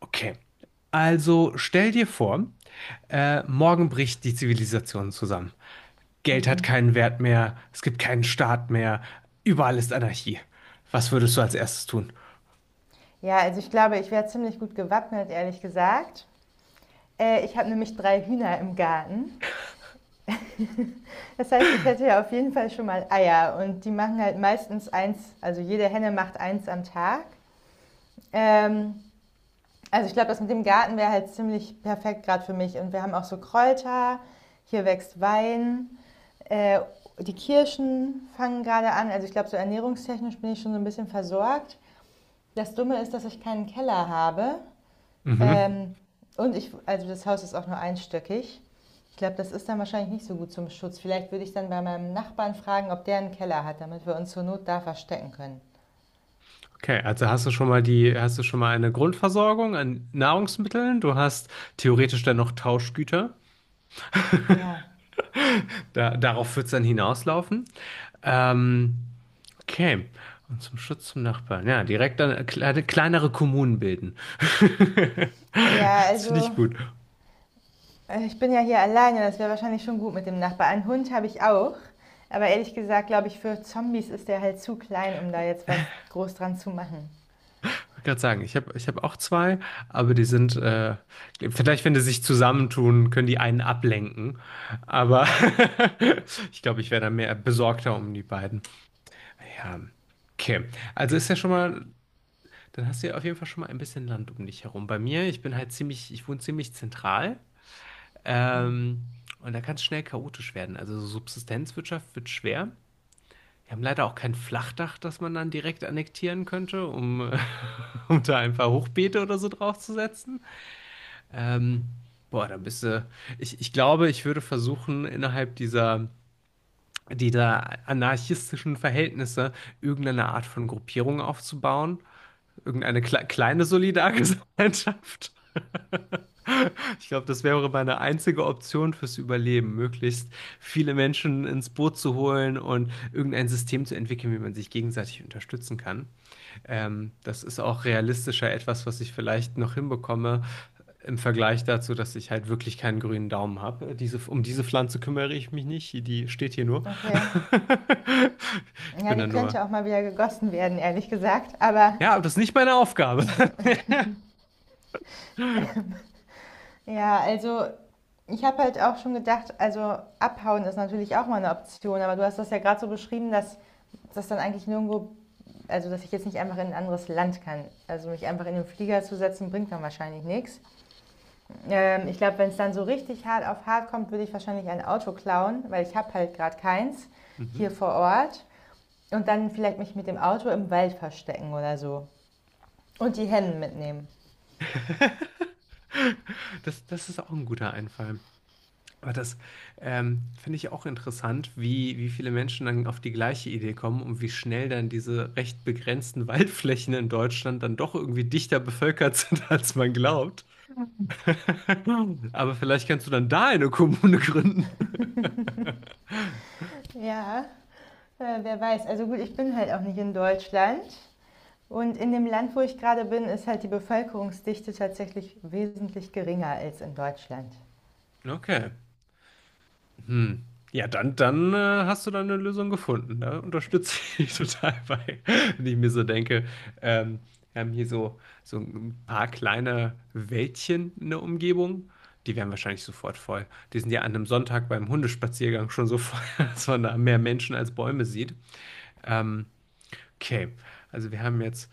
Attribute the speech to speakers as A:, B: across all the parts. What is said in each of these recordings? A: Okay. Also stell dir vor, morgen bricht die Zivilisation zusammen. Geld hat keinen Wert mehr, es gibt keinen Staat mehr, überall ist Anarchie. Was würdest du als erstes tun?
B: Ja, also ich glaube, ich wäre ziemlich gut gewappnet, ehrlich gesagt. Ich habe nämlich drei Hühner im Garten. Das heißt, ich hätte ja auf jeden Fall schon mal Eier und die machen halt meistens eins, also jede Henne macht eins am Tag. Ähm, also ich glaube, das mit dem Garten wäre halt ziemlich perfekt gerade für mich. Und wir haben auch so Kräuter, hier wächst Wein, äh, die Kirschen fangen gerade an. Also ich glaube, so ernährungstechnisch bin ich schon so ein bisschen versorgt. Das Dumme ist, dass ich keinen Keller habe.
A: Mhm.
B: Ähm, und ich, also das Haus ist auch nur einstöckig. Ich glaube, das ist dann wahrscheinlich nicht so gut zum Schutz. Vielleicht würde ich dann bei meinem Nachbarn fragen, ob der einen Keller hat, damit wir uns zur Not da verstecken können.
A: Okay, also hast du schon mal hast du schon mal eine Grundversorgung an Nahrungsmitteln? Du hast theoretisch dann noch Tauschgüter.
B: Ja.
A: Darauf wird es dann hinauslaufen. Ähm, Okay. Und zum Schutz zum Nachbarn. Ja, direkt dann kleinere Kommunen bilden.
B: Ja,
A: Das finde
B: also
A: ich gut. Ich
B: ich bin ja hier alleine, das wäre wahrscheinlich schon gut mit dem Nachbarn. Einen Hund habe ich auch, aber ehrlich gesagt, glaube ich, für Zombies ist der halt zu klein, um da jetzt was groß dran zu machen.
A: wollte gerade sagen, ich hab auch zwei, aber die sind, vielleicht wenn die sich zusammentun, können die einen ablenken. Aber ich glaube, ich wäre dann mehr besorgter um die beiden. Ja, okay. Also ist ja schon mal, dann hast du ja auf jeden Fall schon mal ein bisschen Land um dich herum. Bei mir, ich wohne ziemlich zentral.
B: Mhm.
A: Ähm, und da kann es schnell chaotisch werden. Also so Subsistenzwirtschaft wird schwer. Wir haben leider auch kein Flachdach, das man dann direkt annektieren könnte, um, um da ein paar Hochbeete oder so draufzusetzen. Ähm, boah, dann bist du. Ich glaube, ich würde versuchen, innerhalb dieser anarchistischen Verhältnisse irgendeine Art von Gruppierung aufzubauen. Irgendeine kleine Solidargesellschaft. Ich glaube, das wäre meine einzige Option fürs Überleben, möglichst viele Menschen ins Boot zu holen und irgendein System zu entwickeln, wie man sich gegenseitig unterstützen kann. Das ist auch realistischer etwas, was ich vielleicht noch hinbekomme im Vergleich dazu, dass ich halt wirklich keinen grünen Daumen habe. Um diese Pflanze kümmere ich mich nicht, die steht hier nur.
B: Okay.
A: Ich
B: Ja,
A: bin da
B: die
A: nur.
B: könnte auch mal wieder gegossen werden, ehrlich gesagt, aber
A: Ja, aber das ist nicht meine Aufgabe.
B: ja, also ich habe halt auch schon gedacht, also abhauen ist natürlich auch mal eine Option, aber du hast das ja gerade so beschrieben, dass das dann eigentlich nirgendwo, also dass ich jetzt nicht einfach in ein anderes Land kann. Also mich einfach in den Flieger zu setzen, bringt dann wahrscheinlich nichts. Ich glaube, wenn es dann so richtig hart auf hart kommt, würde ich wahrscheinlich ein Auto klauen, weil ich habe halt gerade keins
A: Mhm.
B: hier vor Ort. Und dann vielleicht mich mit dem Auto im Wald verstecken oder so. Und die Hennen mitnehmen.
A: Das ist auch ein guter Einfall. Aber das finde ich auch interessant, wie viele Menschen dann auf die gleiche Idee kommen und wie schnell dann diese recht begrenzten Waldflächen in Deutschland dann doch irgendwie dichter bevölkert sind, als man glaubt. Aber vielleicht kannst du dann da eine Kommune gründen.
B: Ja, wer weiß. Also gut, ich bin halt auch nicht in Deutschland. Und in dem Land, wo ich gerade bin, ist halt die Bevölkerungsdichte tatsächlich wesentlich geringer als in Deutschland.
A: Okay. Hm. Ja, dann hast du da eine Lösung gefunden. Da unterstütze ich dich total bei, wenn ich mir so denke. Ähm, wir haben hier so, so ein paar kleine Wäldchen in der Umgebung. Die wären wahrscheinlich sofort voll. Die sind ja an einem Sonntag beim Hundespaziergang schon so voll, dass man da mehr Menschen als Bäume sieht. Ähm, okay, also wir haben jetzt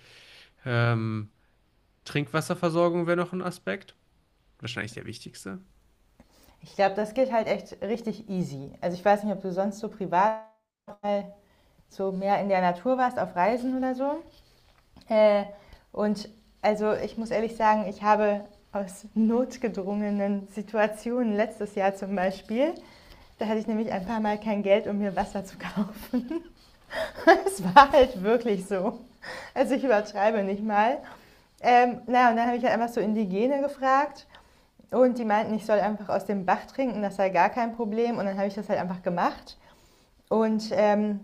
A: ähm, Trinkwasserversorgung wäre noch ein Aspekt. Wahrscheinlich der wichtigste.
B: Ich glaube, das geht halt echt richtig easy. Also ich weiß nicht, ob du sonst so privat mal so mehr in der Natur warst, auf Reisen oder so. Äh, und also ich muss ehrlich sagen, ich habe aus notgedrungenen Situationen letztes Jahr zum Beispiel, da hatte ich nämlich ein paar Mal kein Geld, um mir Wasser zu kaufen. Es war halt wirklich so. Also ich übertreibe nicht mal. Na, und dann habe ich halt einfach so Indigene gefragt und die meinten, ich soll einfach aus dem Bach trinken, das sei gar kein Problem. Und dann habe ich das halt einfach gemacht. Und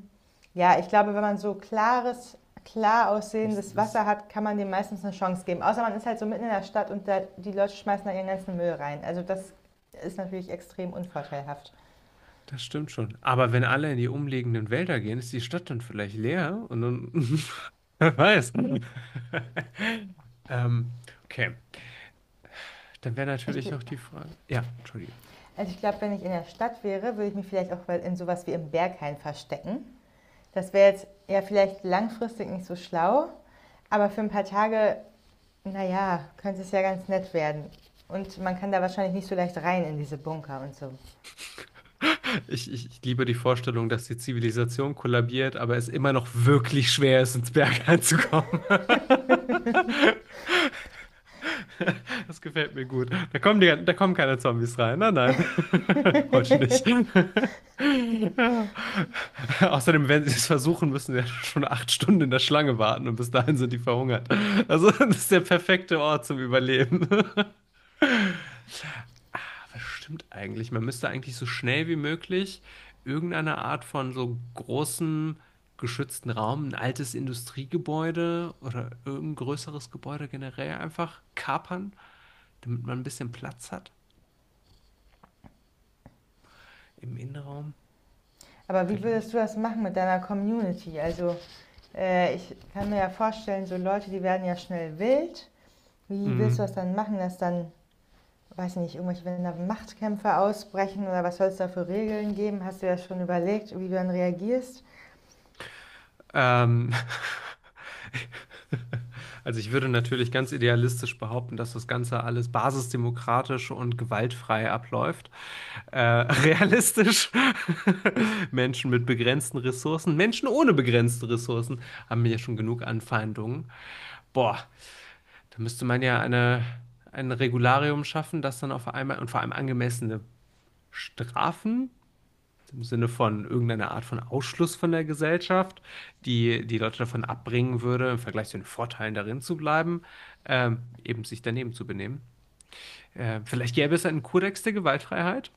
B: ja, ich glaube, wenn man so klares, klar aussehendes
A: Fließendes.
B: Wasser hat, kann man dem meistens eine Chance geben. Außer man ist halt so mitten in der Stadt und da, die Leute schmeißen da ihren ganzen Müll rein. Also das ist natürlich extrem unvorteilhaft.
A: Das stimmt schon. Aber wenn alle in die umliegenden Wälder gehen, ist die Stadt dann vielleicht leer und dann, wer weiß. Ähm, okay, dann wäre
B: Ich,
A: natürlich noch die Frage. Ja, entschuldige.
B: also ich glaube, wenn ich in der Stadt wäre, würde ich mich vielleicht auch in sowas wie im Berghain verstecken. Das wäre jetzt ja vielleicht langfristig nicht so schlau, aber für ein paar Tage, naja, könnte es ja ganz nett werden. Und man kann da wahrscheinlich nicht so leicht rein in diese Bunker und so.
A: Ich liebe die Vorstellung, dass die Zivilisation kollabiert, aber es immer noch wirklich schwer ist, ins Berg reinzukommen. Das gefällt mir gut. Da kommen keine Zombies rein. Nein, nein. Heute nicht. Ja. Außerdem, wenn sie es versuchen, müssen sie ja schon 8 Stunden in der Schlange warten und bis dahin sind die verhungert. Also, das ist der perfekte Ort zum Überleben. Was stimmt eigentlich? Man müsste eigentlich so schnell wie möglich irgendeine Art von so großem geschützten Raum, ein altes Industriegebäude oder irgendein größeres Gebäude generell einfach kapern, damit man ein bisschen Platz hat im Innenraum
B: Aber wie würdest du
A: vielleicht.
B: das machen mit deiner Community? Also ich kann mir ja vorstellen, so Leute, die werden ja schnell wild. Wie
A: Mm.
B: willst du das dann machen, dass dann, weiß nicht, irgendwelche, wenn da Machtkämpfe ausbrechen oder was soll es da für Regeln geben? Hast du ja schon überlegt, wie du dann reagierst?
A: Ähm, also ich würde natürlich ganz idealistisch behaupten, dass das Ganze alles basisdemokratisch und gewaltfrei abläuft. Realistisch, Menschen mit begrenzten Ressourcen, Menschen ohne begrenzte Ressourcen haben ja schon genug Anfeindungen. Boah, da müsste man ja ein Regularium schaffen, das dann auf einmal und vor allem angemessene Strafen im Sinne von irgendeiner Art von Ausschluss von der Gesellschaft, die die Leute davon abbringen würde, im Vergleich zu den Vorteilen darin zu bleiben, eben sich daneben zu benehmen. Vielleicht gäbe es einen Kodex der Gewaltfreiheit,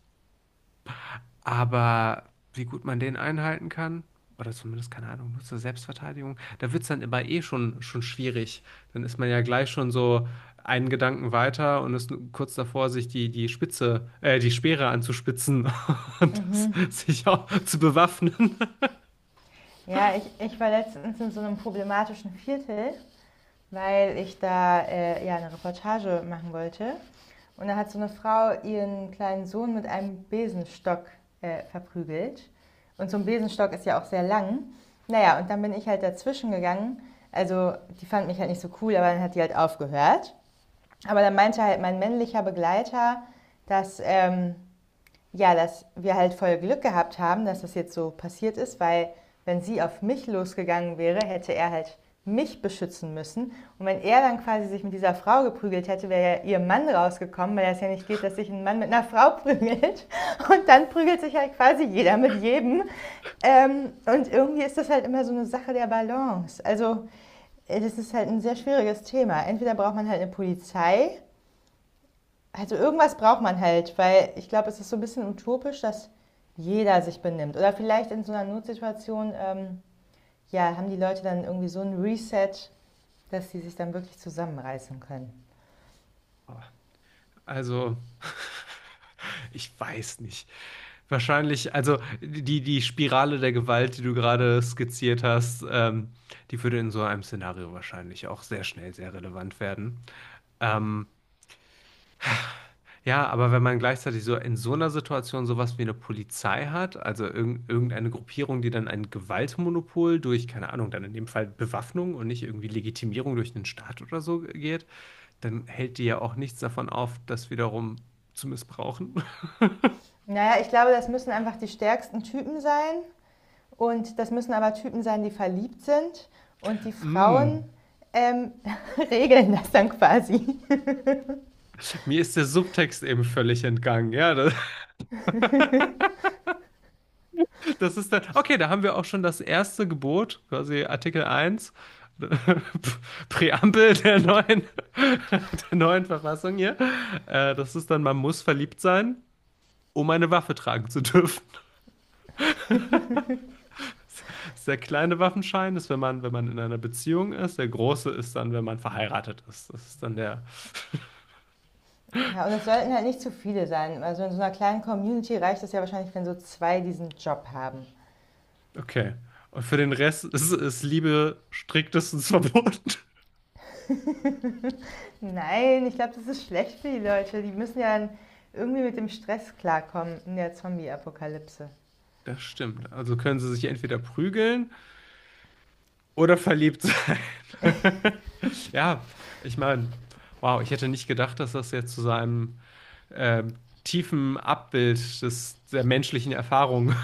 A: aber wie gut man den einhalten kann, oder zumindest, keine Ahnung, nur zur Selbstverteidigung, da wird es dann immer eh schon schwierig. Dann ist man ja gleich schon so einen Gedanken weiter und ist kurz davor, sich die Spitze, die Speere anzuspitzen und
B: Mhm.
A: sich auch zu bewaffnen.
B: Ja, ich war letztens in so einem problematischen Viertel, weil ich da ja eine Reportage machen wollte. Und da hat so eine Frau ihren kleinen Sohn mit einem Besenstock verprügelt. Und so ein Besenstock ist ja auch sehr lang. Naja, und dann bin ich halt dazwischen gegangen. Also, die fand mich halt nicht so cool, aber dann hat die halt aufgehört. Aber dann meinte halt mein männlicher Begleiter, dass ja, dass wir halt voll Glück gehabt haben, dass das jetzt so passiert ist, weil wenn sie auf mich losgegangen wäre, hätte er halt mich beschützen müssen. Und wenn er dann quasi sich mit dieser Frau geprügelt hätte, wäre ja ihr Mann rausgekommen, weil das ja nicht geht, dass sich ein Mann mit einer Frau prügelt. Und dann prügelt sich halt quasi jeder mit jedem. Und irgendwie ist das halt immer so eine Sache der Balance. Also das ist halt ein sehr schwieriges Thema. Entweder braucht man halt eine Polizei, also irgendwas braucht man halt, weil ich glaube, es ist so ein bisschen utopisch, dass jeder sich benimmt. Oder vielleicht in so einer Notsituation, ja, haben die Leute dann irgendwie so ein Reset, dass sie sich dann wirklich zusammenreißen können.
A: Also, ich weiß nicht. Wahrscheinlich, also die Spirale der Gewalt, die du gerade skizziert hast, die würde in so einem Szenario wahrscheinlich auch sehr schnell sehr relevant werden. Ähm, ja, aber wenn man gleichzeitig so in so einer Situation sowas wie eine Polizei hat, also irgendeine Gruppierung, die dann ein Gewaltmonopol durch, keine Ahnung, dann in dem Fall Bewaffnung und nicht irgendwie Legitimierung durch 'nen Staat oder so geht, dann hält die ja auch nichts davon auf, das wiederum zu missbrauchen.
B: Naja, ich glaube, das müssen einfach die stärksten Typen sein. Und das müssen aber Typen sein, die verliebt sind. Und die Frauen
A: Hm,
B: ähm, regeln das dann quasi.
A: mir ist der Subtext eben völlig entgangen. Ja, da. Das ist dann, okay, da haben wir auch schon das erste Gebot, quasi Artikel 1 Präambel der neuen, der neuen Verfassung hier. Das ist dann, man muss verliebt sein, um eine Waffe tragen zu dürfen. Das ist der kleine Waffenschein ist, wenn man, wenn man in einer Beziehung ist. Der große ist dann, wenn man verheiratet ist. Das ist dann der,
B: Ja, und es sollten halt nicht zu viele sein. Also in so einer kleinen Community reicht es ja wahrscheinlich, wenn so zwei diesen Job haben.
A: okay. Und für den Rest ist Liebe striktestens verboten.
B: Nein, ich glaube, das ist schlecht für die Leute. Die müssen ja irgendwie mit dem Stress klarkommen in der Zombie-Apokalypse.
A: Das stimmt. Also können sie sich entweder prügeln oder verliebt sein. Ja, ich meine, wow, ich hätte nicht gedacht, dass das jetzt zu seinem tiefen Abbild der menschlichen Erfahrung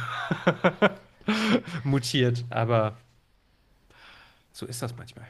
A: mutiert. Aber so ist das manchmal.